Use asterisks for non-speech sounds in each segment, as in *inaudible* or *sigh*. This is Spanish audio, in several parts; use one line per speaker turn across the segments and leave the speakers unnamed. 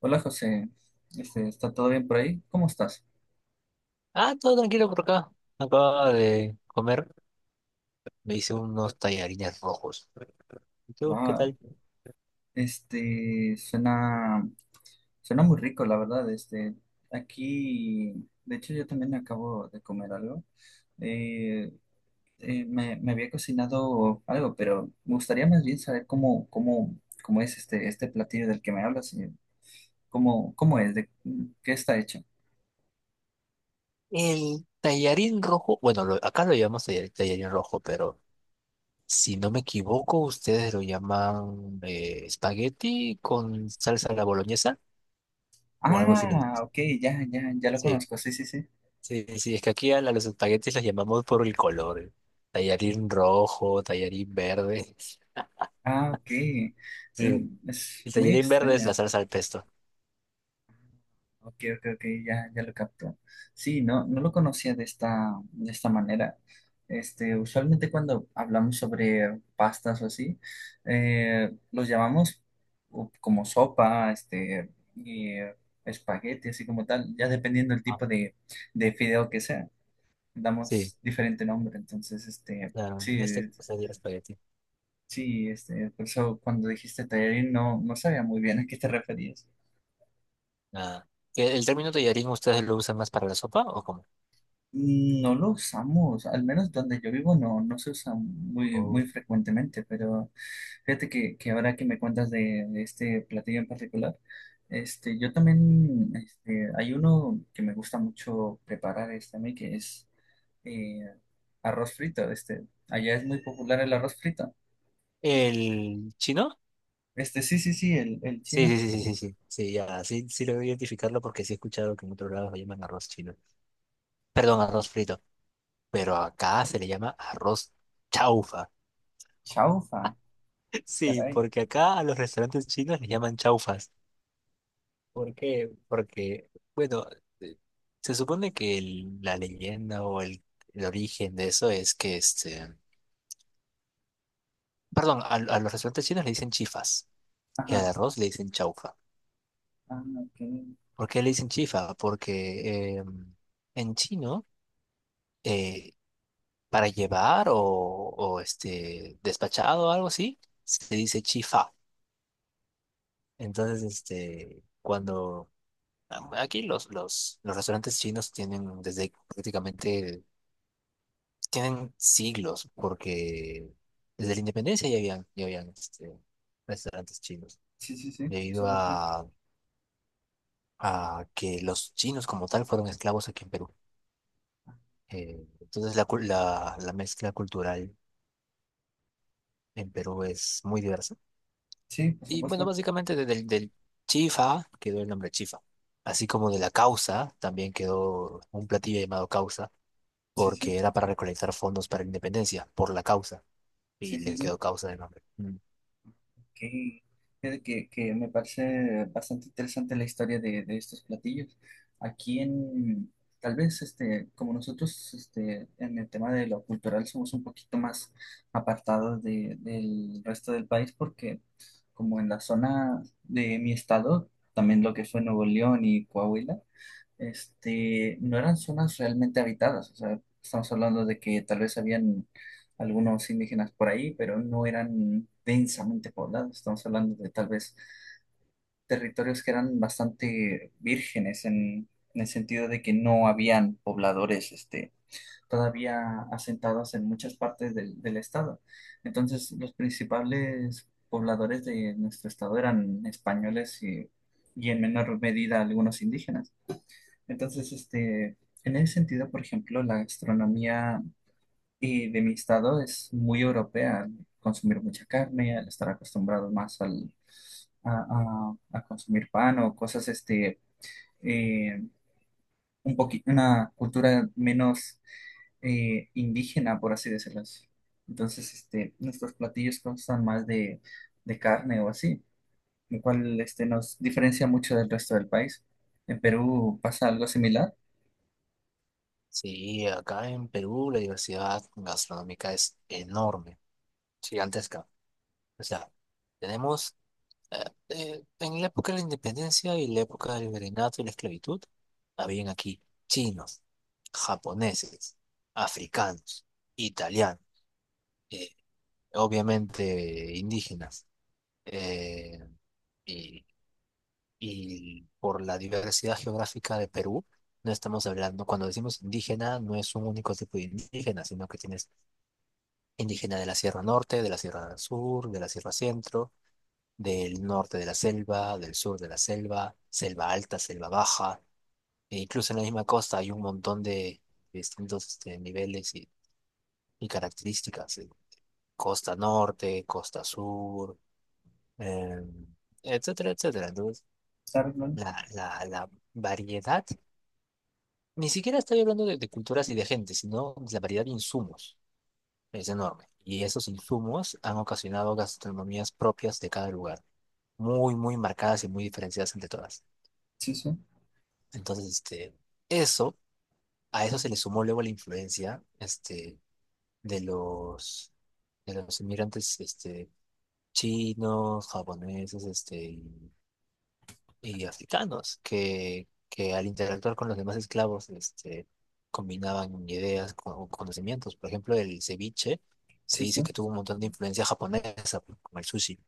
Hola José, ¿está todo bien por ahí? ¿Cómo estás?
Ah, todo tranquilo por acá. Acaba de comer. Me hice unos tallarines rojos. ¿Y tú qué
Wow,
tal?
este, suena, suena muy rico, la verdad. Aquí, de hecho, yo también acabo de comer algo. Eh, me había cocinado algo, pero me gustaría más bien saber cómo es este platillo del que me hablas. Cómo es, de qué está hecho.
El tallarín rojo, bueno, acá lo llamamos tallarín rojo, pero si no me equivoco, ustedes lo llaman espagueti con salsa a la boloñesa o algo similar.
Ah, ok, ya, ya, ya lo
Sí,
conozco, sí, sí, sí.
sí, sí, es que aquí los espaguetis los llamamos por el color. Tallarín rojo, tallarín verde. *laughs*
Ah, ok.
Sí,
Es
el
muy
tallarín verde es la
extraña.
salsa al pesto.
Ok, ok, ok, ya, ya lo capto. Sí, no, no lo conocía de esta manera. Usualmente cuando hablamos sobre pastas o así, los llamamos como sopa, y, espagueti, así como tal, ya dependiendo del
Ah,
tipo de fideo que sea,
sí,
damos diferente nombre. Entonces,
claro,
sí,
en este caso sería espagueti.
sí, por eso cuando dijiste tallarín no sabía muy bien a qué te referías.
Nada. ¿El término tallarín ustedes lo usan más para la sopa o cómo?
No lo usamos, al menos donde yo vivo no se usa muy, muy
Oh.
frecuentemente, pero fíjate que ahora que me cuentas de este platillo en particular. Yo también. Hay uno que me gusta mucho preparar a mí, que es eh, arroz frito. Allá es muy popular el arroz frito.
¿El chino?
Sí, sí, sí, el
Sí,
chino.
sí, sí, sí, sí, sí, sí, ya, sí, sí logro identificarlo porque sí he escuchado que en otros lados lo llaman arroz chino. Perdón, arroz frito, pero acá se le llama arroz chaufa.
Chaufa.
*laughs* Sí,
Caray.
porque acá a los restaurantes chinos les llaman chaufas. ¿Por qué? Porque, bueno, eh, se supone que la leyenda o el origen de eso es que perdón, a los restaurantes chinos le dicen chifas. Y al
Ajá.
arroz le dicen chaufa.
Ah, ok.
¿Por qué le dicen chifa? Porque en chino, eh, para llevar o despachado o algo así, se dice chifa. Entonces, cuando aquí los restaurantes chinos tienen desde prácticamente, tienen siglos, porque desde la independencia ya habían restaurantes chinos,
Sí, sí, sí, por
debido
supuesto.
a que los chinos como tal fueron esclavos aquí en Perú. Entonces la mezcla cultural en Perú es muy diversa.
Sí, por
Y bueno,
supuesto.
básicamente del chifa quedó el nombre chifa, así como de la causa también quedó un platillo llamado causa,
Sí,
porque
sí,
era para recolectar fondos para la independencia, por la causa, y
sí, sí,
le
sí.
quedó causa de nombre. Mm.
que, que me parece bastante interesante la historia de estos platillos. Aquí en, tal vez, como nosotros, en el tema de lo cultural somos un poquito más apartados del resto del país, porque como en la zona de mi estado, también lo que fue Nuevo León y Coahuila, no eran zonas realmente habitadas. O sea, estamos hablando de que tal vez habían algunos indígenas por ahí, pero no eran densamente poblados. Estamos hablando de tal vez territorios que eran bastante vírgenes en el sentido de que no habían pobladores, todavía asentados en muchas partes del estado. Entonces, los principales pobladores de nuestro estado eran españoles y en menor medida algunos indígenas. Entonces, en ese sentido, por ejemplo, la gastronomía de mi estado es muy europea. Consumir mucha carne, al estar acostumbrado más a consumir pan o cosas, eh, un poquito, una cultura menos indígena, por así decirlo. Entonces, nuestros platillos constan más de carne o así, lo cual, nos diferencia mucho del resto del país. En Perú pasa algo similar,
Sí, acá en Perú la diversidad gastronómica es enorme, gigantesca. O sea, tenemos en la época de la independencia y la época del virreinato y la esclavitud, habían aquí chinos, japoneses, africanos, italianos, eh, obviamente indígenas, eh, y, y por la diversidad geográfica de Perú, no estamos hablando, cuando decimos indígena, no es un único tipo de indígena, sino que tienes indígena de la Sierra Norte, de la Sierra Sur, de la Sierra Centro del norte de la selva, del sur de la selva, selva alta, selva baja, e incluso en la misma costa hay un montón de distintos niveles y características, costa norte, costa sur, eh, etcétera, etcétera. Entonces,
¿sabes, Lon?
la variedad, ni siquiera estoy hablando de culturas y de gente, sino la variedad de insumos es enorme. Y esos insumos han ocasionado gastronomías propias de cada lugar, muy, muy marcadas y muy diferenciadas entre todas.
Sí, sí.
Entonces, eso, a eso se le sumó luego la influencia, de los, de los inmigrantes, chinos, japoneses, y africanos, que al interactuar con los demás esclavos, combinaban ideas con conocimientos. Por ejemplo, el ceviche se
Sí, sí.
dice que tuvo un montón de influencia japonesa, pues, como el sushi,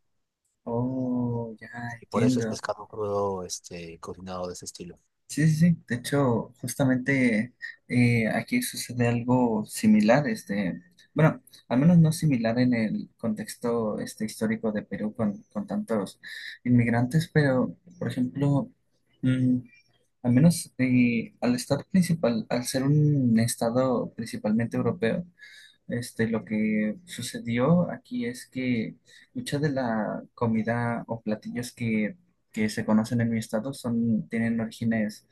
Oh, ya
y por eso es
entiendo.
pescado crudo, cocinado de ese estilo.
Sí, sí, sí. De hecho, justamente aquí sucede algo similar. Bueno, al menos no similar en el contexto histórico de Perú con tantos inmigrantes, pero, por ejemplo, mm, al menos al estado principal, al ser un estado principalmente europeo. Lo que sucedió aquí es que mucha de la comida o platillos que se conocen en mi estado tienen orígenes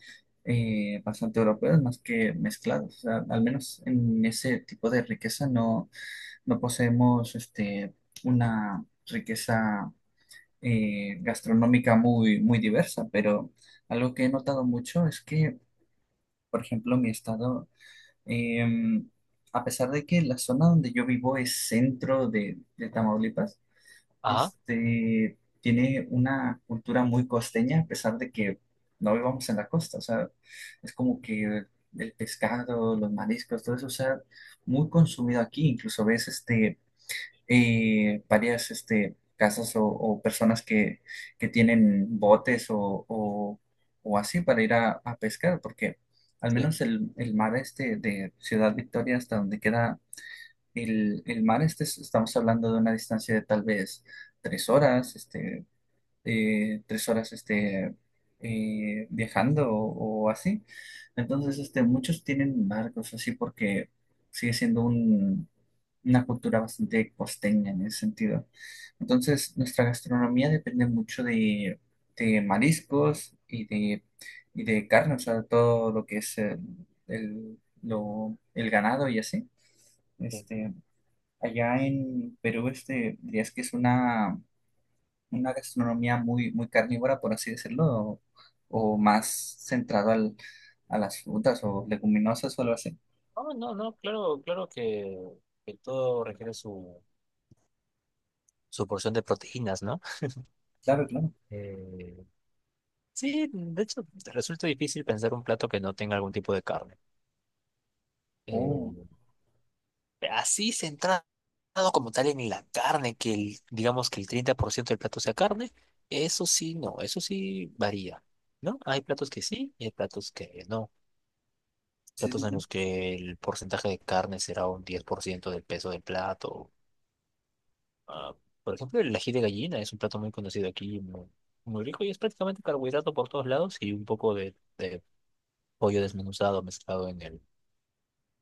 bastante europeos, más que mezclados. O sea, al menos en ese tipo de riqueza no poseemos una riqueza gastronómica muy, muy diversa, pero algo que he notado mucho es que, por ejemplo, mi estado, Em, a pesar de que la zona donde yo vivo es centro de Tamaulipas,
Ajá,
tiene una cultura muy costeña, a pesar de que no vivamos en la costa. O sea, es como que el pescado, los mariscos, todo eso, o sea, muy consumido aquí. Incluso ves varias casas o personas que tienen botes o así para ir a pescar, porque al menos el mar de Ciudad Victoria hasta donde queda el mar, estamos hablando de una distancia de tal vez tres horas, tres horas, viajando o así. Entonces, muchos tienen barcos así porque sigue siendo una cultura bastante costeña en ese sentido. Entonces, nuestra gastronomía depende mucho de mariscos y de carne, o sea, todo lo que es el ganado y así.
sí.
Este, allá en Perú, dirías que es una gastronomía muy, muy carnívora, por así decirlo, o más centrado a las frutas o leguminosas o algo así.
No, no, no, claro, claro que todo requiere su porción de proteínas, ¿no?
Claro, claro.
Eh, sí, de hecho, te resulta difícil pensar un plato que no tenga algún tipo de carne.
Oh,
Eh, así centrado como tal en la carne, que digamos que el 30% del plato sea carne, eso sí, no, eso sí varía, ¿no? Hay platos que sí y hay platos que no.
sí, sí,
Platos en
sí.
los que el porcentaje de carne será un 10% del peso del plato. Ah, por ejemplo, el ají de gallina es un plato muy conocido aquí, muy, muy rico y es prácticamente carbohidrato por todos lados y un poco de pollo desmenuzado mezclado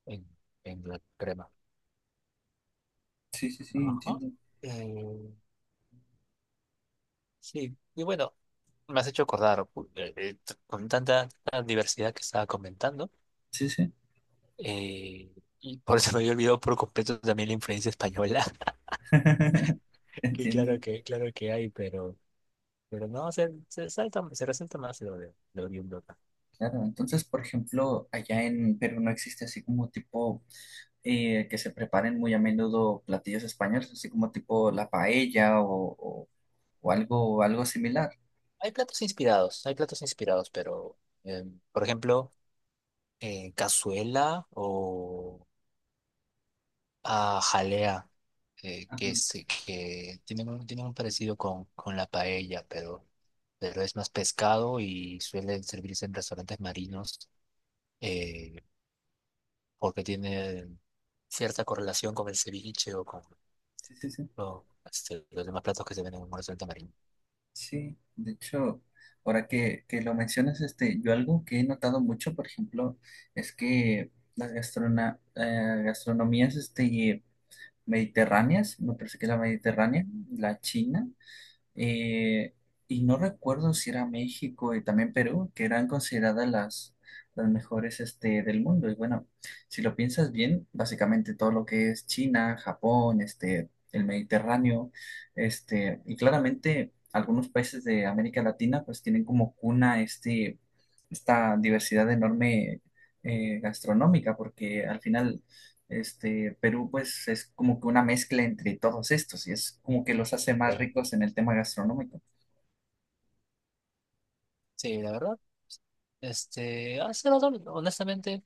en, en la crema.
Sí, sí, sí,
Ajá.
entiendo.
Eh, sí, y bueno, me has hecho acordar con tanta, tanta diversidad que estaba comentando.
Sí, sí.
eh, y por eso me había olvidado por completo también la influencia española,
*laughs*
*laughs* que claro
Entiendo.
que, claro que hay, pero, no, se resalta más lo de lo oriundo.
Claro, entonces, por ejemplo, allá en Perú no existe así como tipo que se preparen muy a menudo platillos españoles, así como tipo la paella o algo similar.
Hay platos inspirados, pero eh, por ejemplo, cazuela o jalea, eh,
Ajá.
que, es, que tienen un parecido con la paella, pero es más pescado y suele servirse en restaurantes marinos eh, porque tiene cierta correlación con el ceviche o con,
Sí, sí, sí.
o, este, los demás platos que se venden en un restaurante marino.
Sí, de hecho, ahora que lo mencionas, yo algo que he notado mucho, por ejemplo, es que las gastronomías mediterráneas, me parece que la mediterránea, la china, eh, y no recuerdo si era México y también Perú, que eran consideradas las mejores del mundo. Y bueno, si lo piensas bien, básicamente todo lo que es China, Japón, el Mediterráneo, y claramente algunos países de América Latina pues tienen como cuna esta diversidad enorme gastronómica, porque al final Perú pues es como que una mezcla entre todos estos y es como que los hace más
Eh,
ricos en el tema gastronómico.
sí, la verdad, hace rato, honestamente.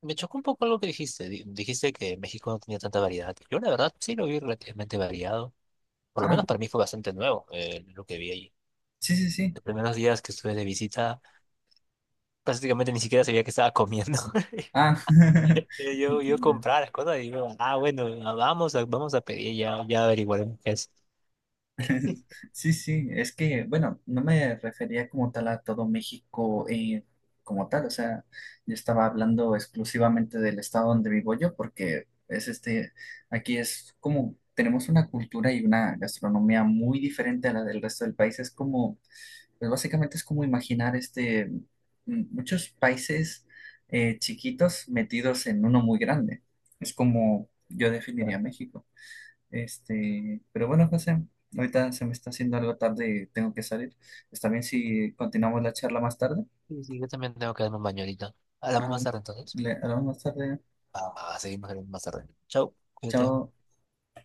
Me chocó un poco algo que dijiste. Dijiste que México no tenía tanta variedad. Yo la verdad sí lo vi relativamente variado. Por lo
Ah,
menos para mí fue bastante nuevo, lo que vi allí.
sí, sí, sí.
Los primeros días que estuve de visita, prácticamente ni siquiera sabía que estaba comiendo. *laughs*
Ah, *laughs*
Yo
entiendo.
compraba las cosas y digo, ah, bueno, ah, vamos a pedir, ya, ya averiguaremos qué es. *laughs*
*laughs* Sí, sí, es que, bueno, no me refería como tal a todo México, como tal, o sea, yo estaba hablando exclusivamente del estado donde vivo yo porque es aquí es como, tenemos una cultura y una gastronomía muy diferente a la del resto del país, es como pues básicamente es como imaginar muchos países chiquitos metidos en uno muy grande. Es como yo definiría
Claro.
México. Pero bueno, José, ahorita se me está haciendo algo tarde y tengo que salir. ¿Está bien si continuamos la charla más tarde?
Sí, sí, yo también tengo que darme un baño ahorita. Hablamos
Ah,
más
bueno.
tarde entonces.
Le hablamos más tarde.
Ah, seguimos hablando más tarde. Chau, cuídate.
Chao.